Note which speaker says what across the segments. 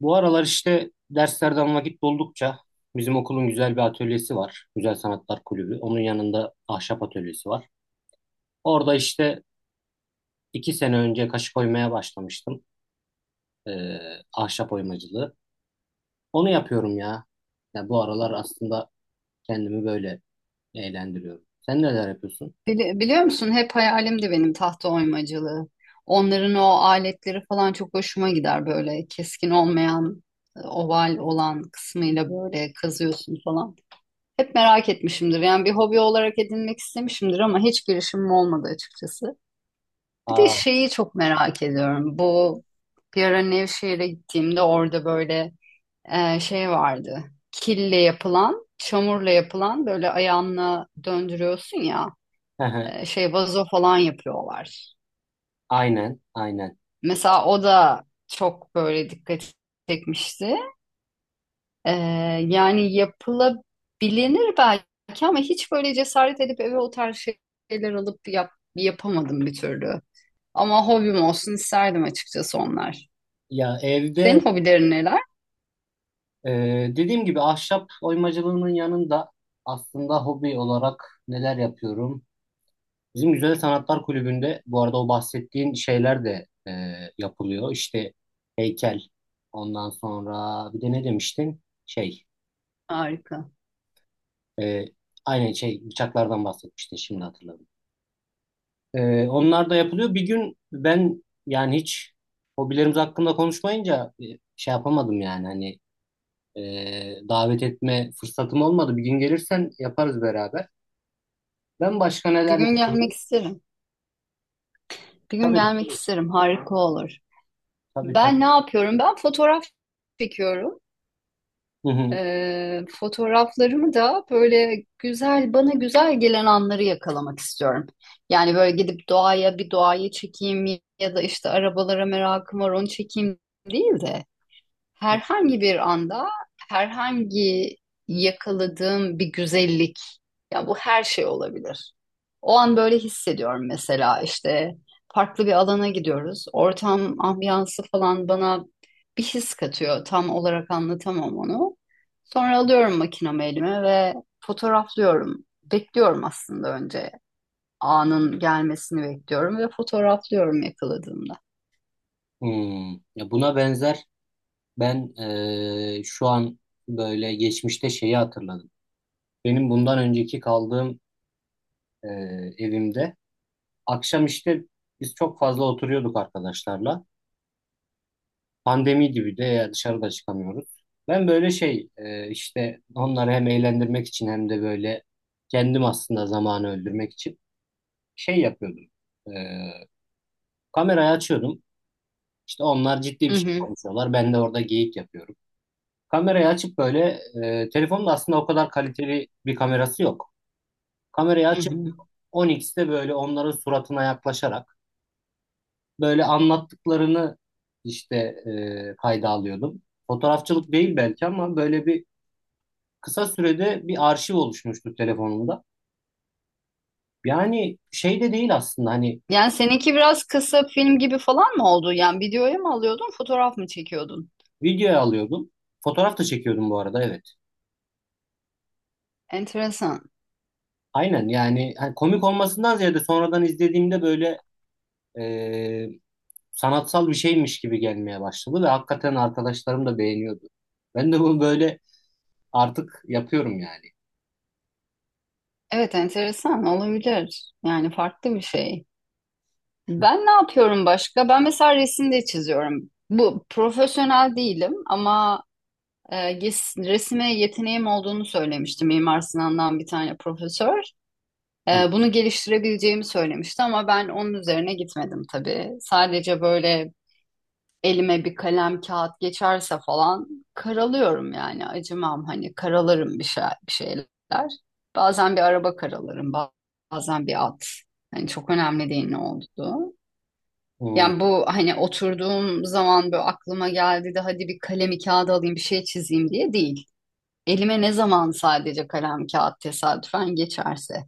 Speaker 1: Bu aralar işte derslerden vakit buldukça bizim okulun güzel bir atölyesi var. Güzel Sanatlar Kulübü. Onun yanında ahşap atölyesi var. Orada işte 2 sene önce kaşık oymaya başlamıştım. Ee, Ahşap oymacılığı. Onu yapıyorum ya. Ya bu aralar aslında kendimi böyle eğlendiriyorum. Sen neler yapıyorsun?
Speaker 2: Biliyor musun, hep hayalimdi benim tahta oymacılığı. Onların o aletleri falan çok hoşuma gider, böyle keskin olmayan oval olan kısmıyla böyle kazıyorsun falan. Hep merak etmişimdir, yani bir hobi olarak edinmek istemişimdir ama hiç girişimim olmadı açıkçası. Bir de
Speaker 1: Aa,
Speaker 2: şeyi çok merak ediyorum, bu bir ara Nevşehir'e gittiğimde orada böyle şey vardı, kille yapılan, çamurla yapılan, böyle ayağınla döndürüyorsun ya, şey vazo falan yapıyorlar.
Speaker 1: aynen, aynen.
Speaker 2: Mesela o da çok böyle dikkat çekmişti. E, Yani yapılabilir belki ama hiç böyle cesaret edip eve o tarz şeyler alıp yapamadım bir türlü. Ama hobim olsun isterdim açıkçası onlar.
Speaker 1: Ya evde,
Speaker 2: Senin hobilerin neler?
Speaker 1: e, dediğim gibi ahşap oymacılığının yanında aslında hobi olarak neler yapıyorum? Bizim Güzel Sanatlar Kulübü'nde bu arada o bahsettiğin şeyler de yapılıyor. İşte heykel, ondan sonra bir de ne demiştin? Şey,
Speaker 2: Harika.
Speaker 1: e, aynen, şey, bıçaklardan bahsetmiştin, şimdi hatırladım. Onlar da yapılıyor. Bir gün ben, yani hiç hobilerimiz hakkında konuşmayınca, şey yapamadım yani, hani davet etme fırsatım olmadı. Bir gün gelirsen yaparız beraber. Ben başka
Speaker 2: Bir
Speaker 1: neler
Speaker 2: gün
Speaker 1: yapıyorum?
Speaker 2: gelmek isterim. Bir gün
Speaker 1: Tabii,
Speaker 2: gelmek
Speaker 1: tabii,
Speaker 2: isterim. Harika olur.
Speaker 1: tabii.
Speaker 2: Ben ne
Speaker 1: Tabii.
Speaker 2: yapıyorum? Ben fotoğraf çekiyorum.
Speaker 1: Hı hı.
Speaker 2: Fotoğraflarımı da böyle güzel, bana güzel gelen anları yakalamak istiyorum. Yani böyle gidip doğaya, bir doğayı çekeyim ya da işte arabalara merakım var, onu çekeyim değil de. Herhangi bir anda, herhangi yakaladığım bir güzellik, ya bu her şey olabilir. O an böyle hissediyorum, mesela işte farklı bir alana gidiyoruz. Ortam, ambiyansı falan bana bir his katıyor. Tam olarak anlatamam onu. Sonra alıyorum makinamı elime ve fotoğraflıyorum. Bekliyorum aslında, önce anın gelmesini bekliyorum ve fotoğraflıyorum yakaladığımda.
Speaker 1: Hmm. Ya buna benzer. Ben şu an böyle geçmişte şeyi hatırladım. Benim bundan önceki kaldığım evimde akşam işte biz çok fazla oturuyorduk arkadaşlarla. Pandemi gibi de, ya dışarıda çıkamıyoruz. Ben böyle, şey, işte onları hem eğlendirmek için hem de böyle kendim aslında zamanı öldürmek için şey yapıyordum. Eee, Kamerayı açıyordum. İşte onlar ciddi
Speaker 2: Hı
Speaker 1: bir şey
Speaker 2: hı,
Speaker 1: konuşuyorlar. Ben de orada geyik yapıyorum. Kamerayı açıp böyle, telefonun da aslında o kadar kaliteli bir kamerası yok. Kamerayı
Speaker 2: hı
Speaker 1: açıp
Speaker 2: hı.
Speaker 1: 10x'te böyle onların suratına yaklaşarak böyle anlattıklarını işte kayda alıyordum. Fotoğrafçılık değil belki ama böyle bir kısa sürede bir arşiv oluşmuştu telefonumda. Yani şey de değil aslında, hani
Speaker 2: Yani seninki biraz kısa film gibi falan mı oldu? Yani videoya mı alıyordun, fotoğraf mı çekiyordun?
Speaker 1: videoya alıyordum. Fotoğraf da çekiyordum bu arada, evet.
Speaker 2: Enteresan.
Speaker 1: Aynen, yani hani komik olmasından ziyade sonradan izlediğimde böyle e, sanatsal bir şeymiş gibi gelmeye başladı ve hakikaten arkadaşlarım da beğeniyordu. Ben de bunu böyle artık yapıyorum yani.
Speaker 2: Evet, enteresan olabilir. Yani farklı bir şey.
Speaker 1: Hı,
Speaker 2: Ben ne yapıyorum başka? Ben mesela resim de çiziyorum. Bu profesyonel değilim ama resme yeteneğim olduğunu söylemiştim, Mimar Sinan'dan bir tane profesör.
Speaker 1: hı,
Speaker 2: Bunu geliştirebileceğimi söylemişti ama ben onun üzerine gitmedim tabii. Sadece böyle elime bir kalem kağıt geçerse falan karalıyorum, yani acımam, hani karalarım bir şey, bir şeyler. Bazen bir araba karalarım, bazen bir at. Hani çok önemli değil ne olduğu.
Speaker 1: hı.
Speaker 2: Yani bu hani oturduğum zaman böyle aklıma geldi de hadi bir kalemi kağıda alayım, bir şey çizeyim diye değil. Elime ne zaman sadece kalem kağıt tesadüfen geçerse.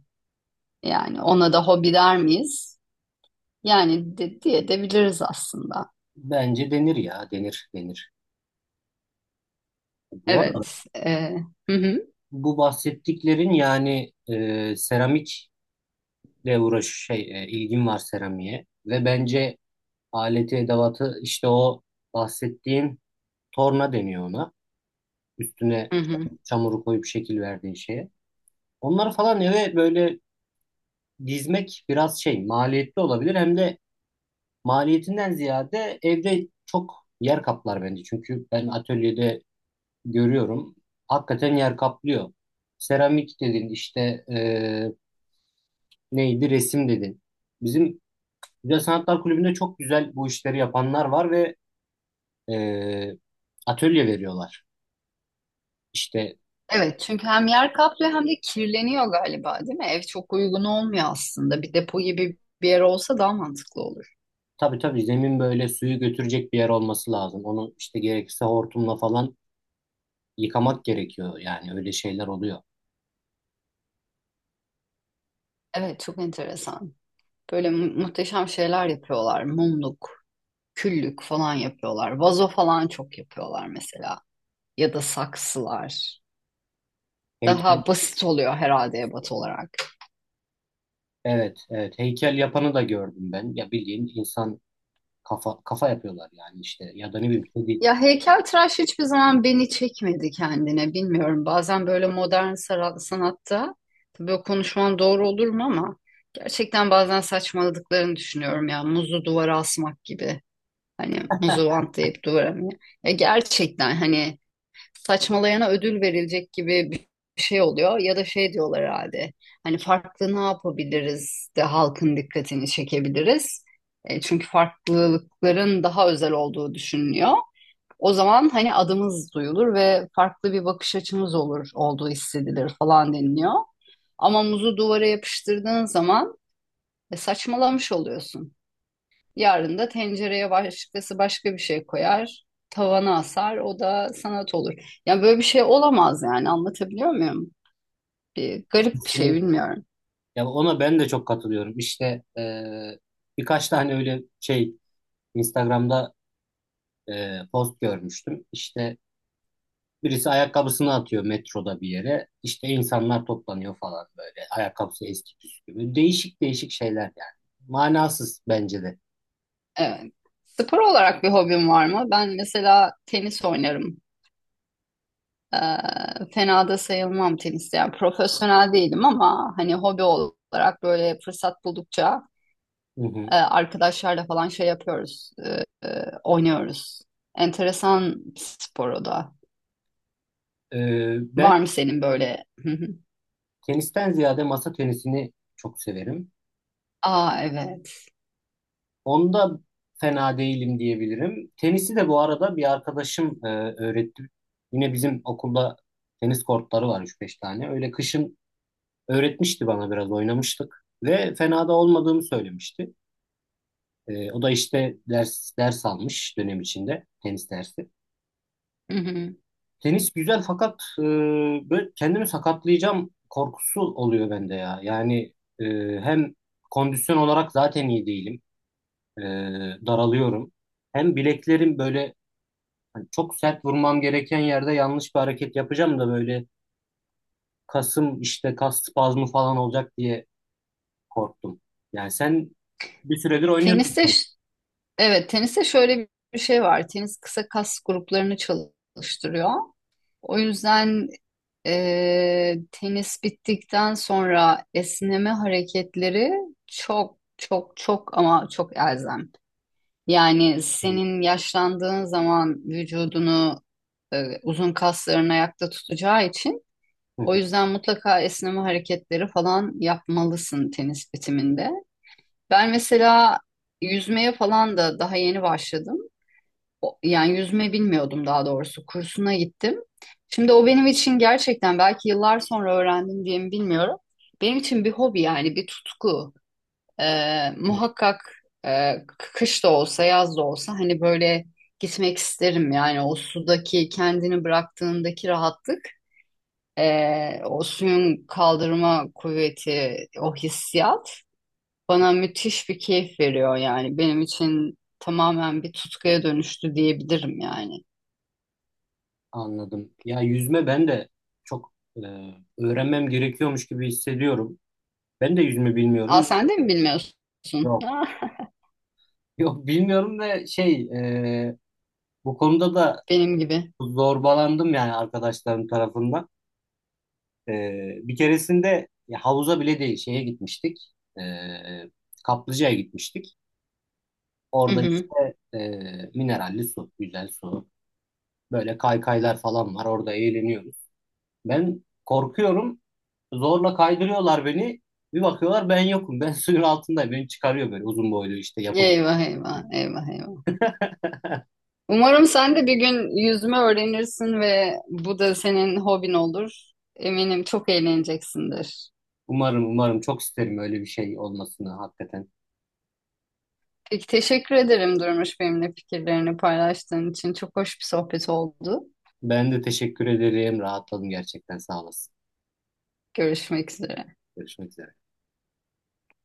Speaker 2: Yani ona da hobi der miyiz? Yani diye de biliriz aslında.
Speaker 1: Bence denir ya, denir, denir. Bu arada
Speaker 2: Evet. Hı hı,
Speaker 1: bu bahsettiklerin, yani seramikle uğraş, şey, ilgim var seramiğe ve bence aleti edevatı, işte o bahsettiğin, torna deniyor ona. Üstüne
Speaker 2: hı hı.
Speaker 1: çamuru koyup şekil verdiğin şeye. Onları falan eve böyle dizmek biraz şey, maliyetli olabilir, hem de. Maliyetinden ziyade evde çok yer kaplar bence. Çünkü ben atölyede görüyorum. Hakikaten yer kaplıyor. Seramik dedin işte, neydi, resim dedin. Bizim Güzel Sanatlar Kulübü'nde çok güzel bu işleri yapanlar var ve eee, atölye veriyorlar. İşte
Speaker 2: Evet, çünkü hem yer kaplıyor hem de kirleniyor galiba, değil mi? Ev çok uygun olmuyor aslında. Bir depo gibi bir yer olsa daha mantıklı olur.
Speaker 1: tabii tabii, zemin böyle suyu götürecek bir yer olması lazım. Onu işte gerekirse hortumla falan yıkamak gerekiyor. Yani öyle şeyler oluyor.
Speaker 2: Evet, çok enteresan. Böyle muhteşem şeyler yapıyorlar. Mumluk, küllük falan yapıyorlar. Vazo falan çok yapıyorlar mesela. Ya da saksılar. Daha basit oluyor herhalde ebat olarak.
Speaker 1: Evet, evet. Heykel yapanı da gördüm ben. Ya bildiğin insan kafa kafa yapıyorlar yani işte. Ya da ne bileyim, kedi.
Speaker 2: Ya heykeltıraş hiçbir zaman beni çekmedi kendine. Bilmiyorum. Bazen böyle modern sanatta, tabii o konuşman doğru olur mu ama, gerçekten bazen saçmaladıklarını düşünüyorum ya. Muzu duvara asmak gibi. Hani muzu bantlayıp duvara mı? Ya gerçekten hani saçmalayana ödül verilecek gibi bir şey oluyor ya da şey diyorlar herhalde. Hani farklı ne yapabiliriz de halkın dikkatini çekebiliriz. Çünkü farklılıkların daha özel olduğu düşünülüyor. O zaman hani adımız duyulur ve farklı bir bakış açımız olur, olduğu hissedilir falan deniliyor. Ama muzu duvara yapıştırdığın zaman saçmalamış oluyorsun. Yarın da tencereye başkası başka bir şey koyar, tavana asar, o da sanat olur. Yani böyle bir şey olamaz yani, anlatabiliyor muyum? Bir garip bir şey, bilmiyorum.
Speaker 1: Ya ona ben de çok katılıyorum. İşte birkaç tane öyle şey Instagram'da post görmüştüm. İşte birisi ayakkabısını atıyor metroda bir yere. İşte insanlar toplanıyor falan böyle. Ayakkabısı eski püskü gibi. Değişik değişik şeyler yani. Manasız bence de.
Speaker 2: Evet. Spor olarak bir hobim var mı? Ben mesela tenis oynarım. Fena da sayılmam teniste. Yani profesyonel değilim ama hani hobi olarak böyle fırsat buldukça
Speaker 1: Hı hı.
Speaker 2: arkadaşlarla falan şey yapıyoruz, oynuyoruz. Enteresan spor o da.
Speaker 1: Ben
Speaker 2: Var mı senin böyle? Hı hı.
Speaker 1: tenisten ziyade masa tenisini çok severim.
Speaker 2: Aa evet.
Speaker 1: Onda fena değilim diyebilirim. Tenisi de bu arada bir arkadaşım öğretti. Yine bizim okulda tenis kortları var, üç beş tane. Öyle kışın öğretmişti bana, biraz oynamıştık. Ve fena da olmadığımı söylemişti. O da işte ders ders almış dönem içinde tenis dersi.
Speaker 2: Hı hı.
Speaker 1: Tenis güzel fakat böyle kendimi sakatlayacağım korkusu oluyor bende ya. Yani e, hem kondisyon olarak zaten iyi değilim. E, Daralıyorum. Hem bileklerim böyle. Hani çok sert vurmam gereken yerde yanlış bir hareket yapacağım da böyle, kasım işte, kas spazmı falan olacak diye korktum. Yani sen bir süredir oynuyorsun.
Speaker 2: Teniste ş- evet, teniste şöyle bir şey var. Tenis kısa kas gruplarını çalıştırıyor. O yüzden tenis bittikten sonra esneme hareketleri çok çok çok ama çok elzem. Yani
Speaker 1: Hı,
Speaker 2: senin yaşlandığın zaman vücudunu uzun kasların ayakta tutacağı için
Speaker 1: hı,
Speaker 2: o
Speaker 1: hı.
Speaker 2: yüzden mutlaka esneme hareketleri falan yapmalısın tenis bitiminde. Ben mesela yüzmeye falan da daha yeni başladım. Yani yüzme bilmiyordum daha doğrusu. Kursuna gittim. Şimdi o benim için gerçekten belki yıllar sonra öğrendim diye mi bilmiyorum. Benim için bir hobi, yani bir tutku. Muhakkak e, kış da olsa yaz da olsa hani böyle gitmek isterim. Yani o sudaki kendini bıraktığındaki rahatlık, o suyun kaldırma kuvveti, o hissiyat bana müthiş bir keyif veriyor yani. Benim için tamamen bir tutkuya dönüştü diyebilirim yani.
Speaker 1: Anladım. Ya yüzme, ben de çok öğrenmem gerekiyormuş gibi hissediyorum. Ben de yüzme
Speaker 2: Aa,
Speaker 1: bilmiyorum.
Speaker 2: sen de mi bilmiyorsun?
Speaker 1: Yok.
Speaker 2: Ah,
Speaker 1: Yok, bilmiyorum ve şey, e, bu konuda da
Speaker 2: benim gibi.
Speaker 1: zorbalandım yani arkadaşlarım tarafından. E, Bir keresinde ya havuza bile değil, şeye gitmiştik. E, Kaplıca'ya gitmiştik.
Speaker 2: Hı
Speaker 1: Orada
Speaker 2: hı.
Speaker 1: işte, mineralli su, güzel su. Böyle kaykaylar falan var. Orada eğleniyoruz. Ben korkuyorum. Zorla kaydırıyorlar beni. Bir bakıyorlar ben yokum. Ben suyun altındayım. Beni çıkarıyor böyle uzun boylu işte yapılıp.
Speaker 2: Eyvah eyvah eyvah eyvah. Umarım sen de bir gün yüzme öğrenirsin ve bu da senin hobin olur. Eminim çok eğleneceksindir.
Speaker 1: Umarım, umarım çok isterim öyle bir şey olmasını hakikaten.
Speaker 2: Peki, teşekkür ederim Durmuş, benimle fikirlerini paylaştığın için. Çok hoş bir sohbet oldu.
Speaker 1: Ben de teşekkür ederim. Rahatladım gerçekten. Sağ olasın.
Speaker 2: Görüşmek üzere.
Speaker 1: Görüşmek üzere.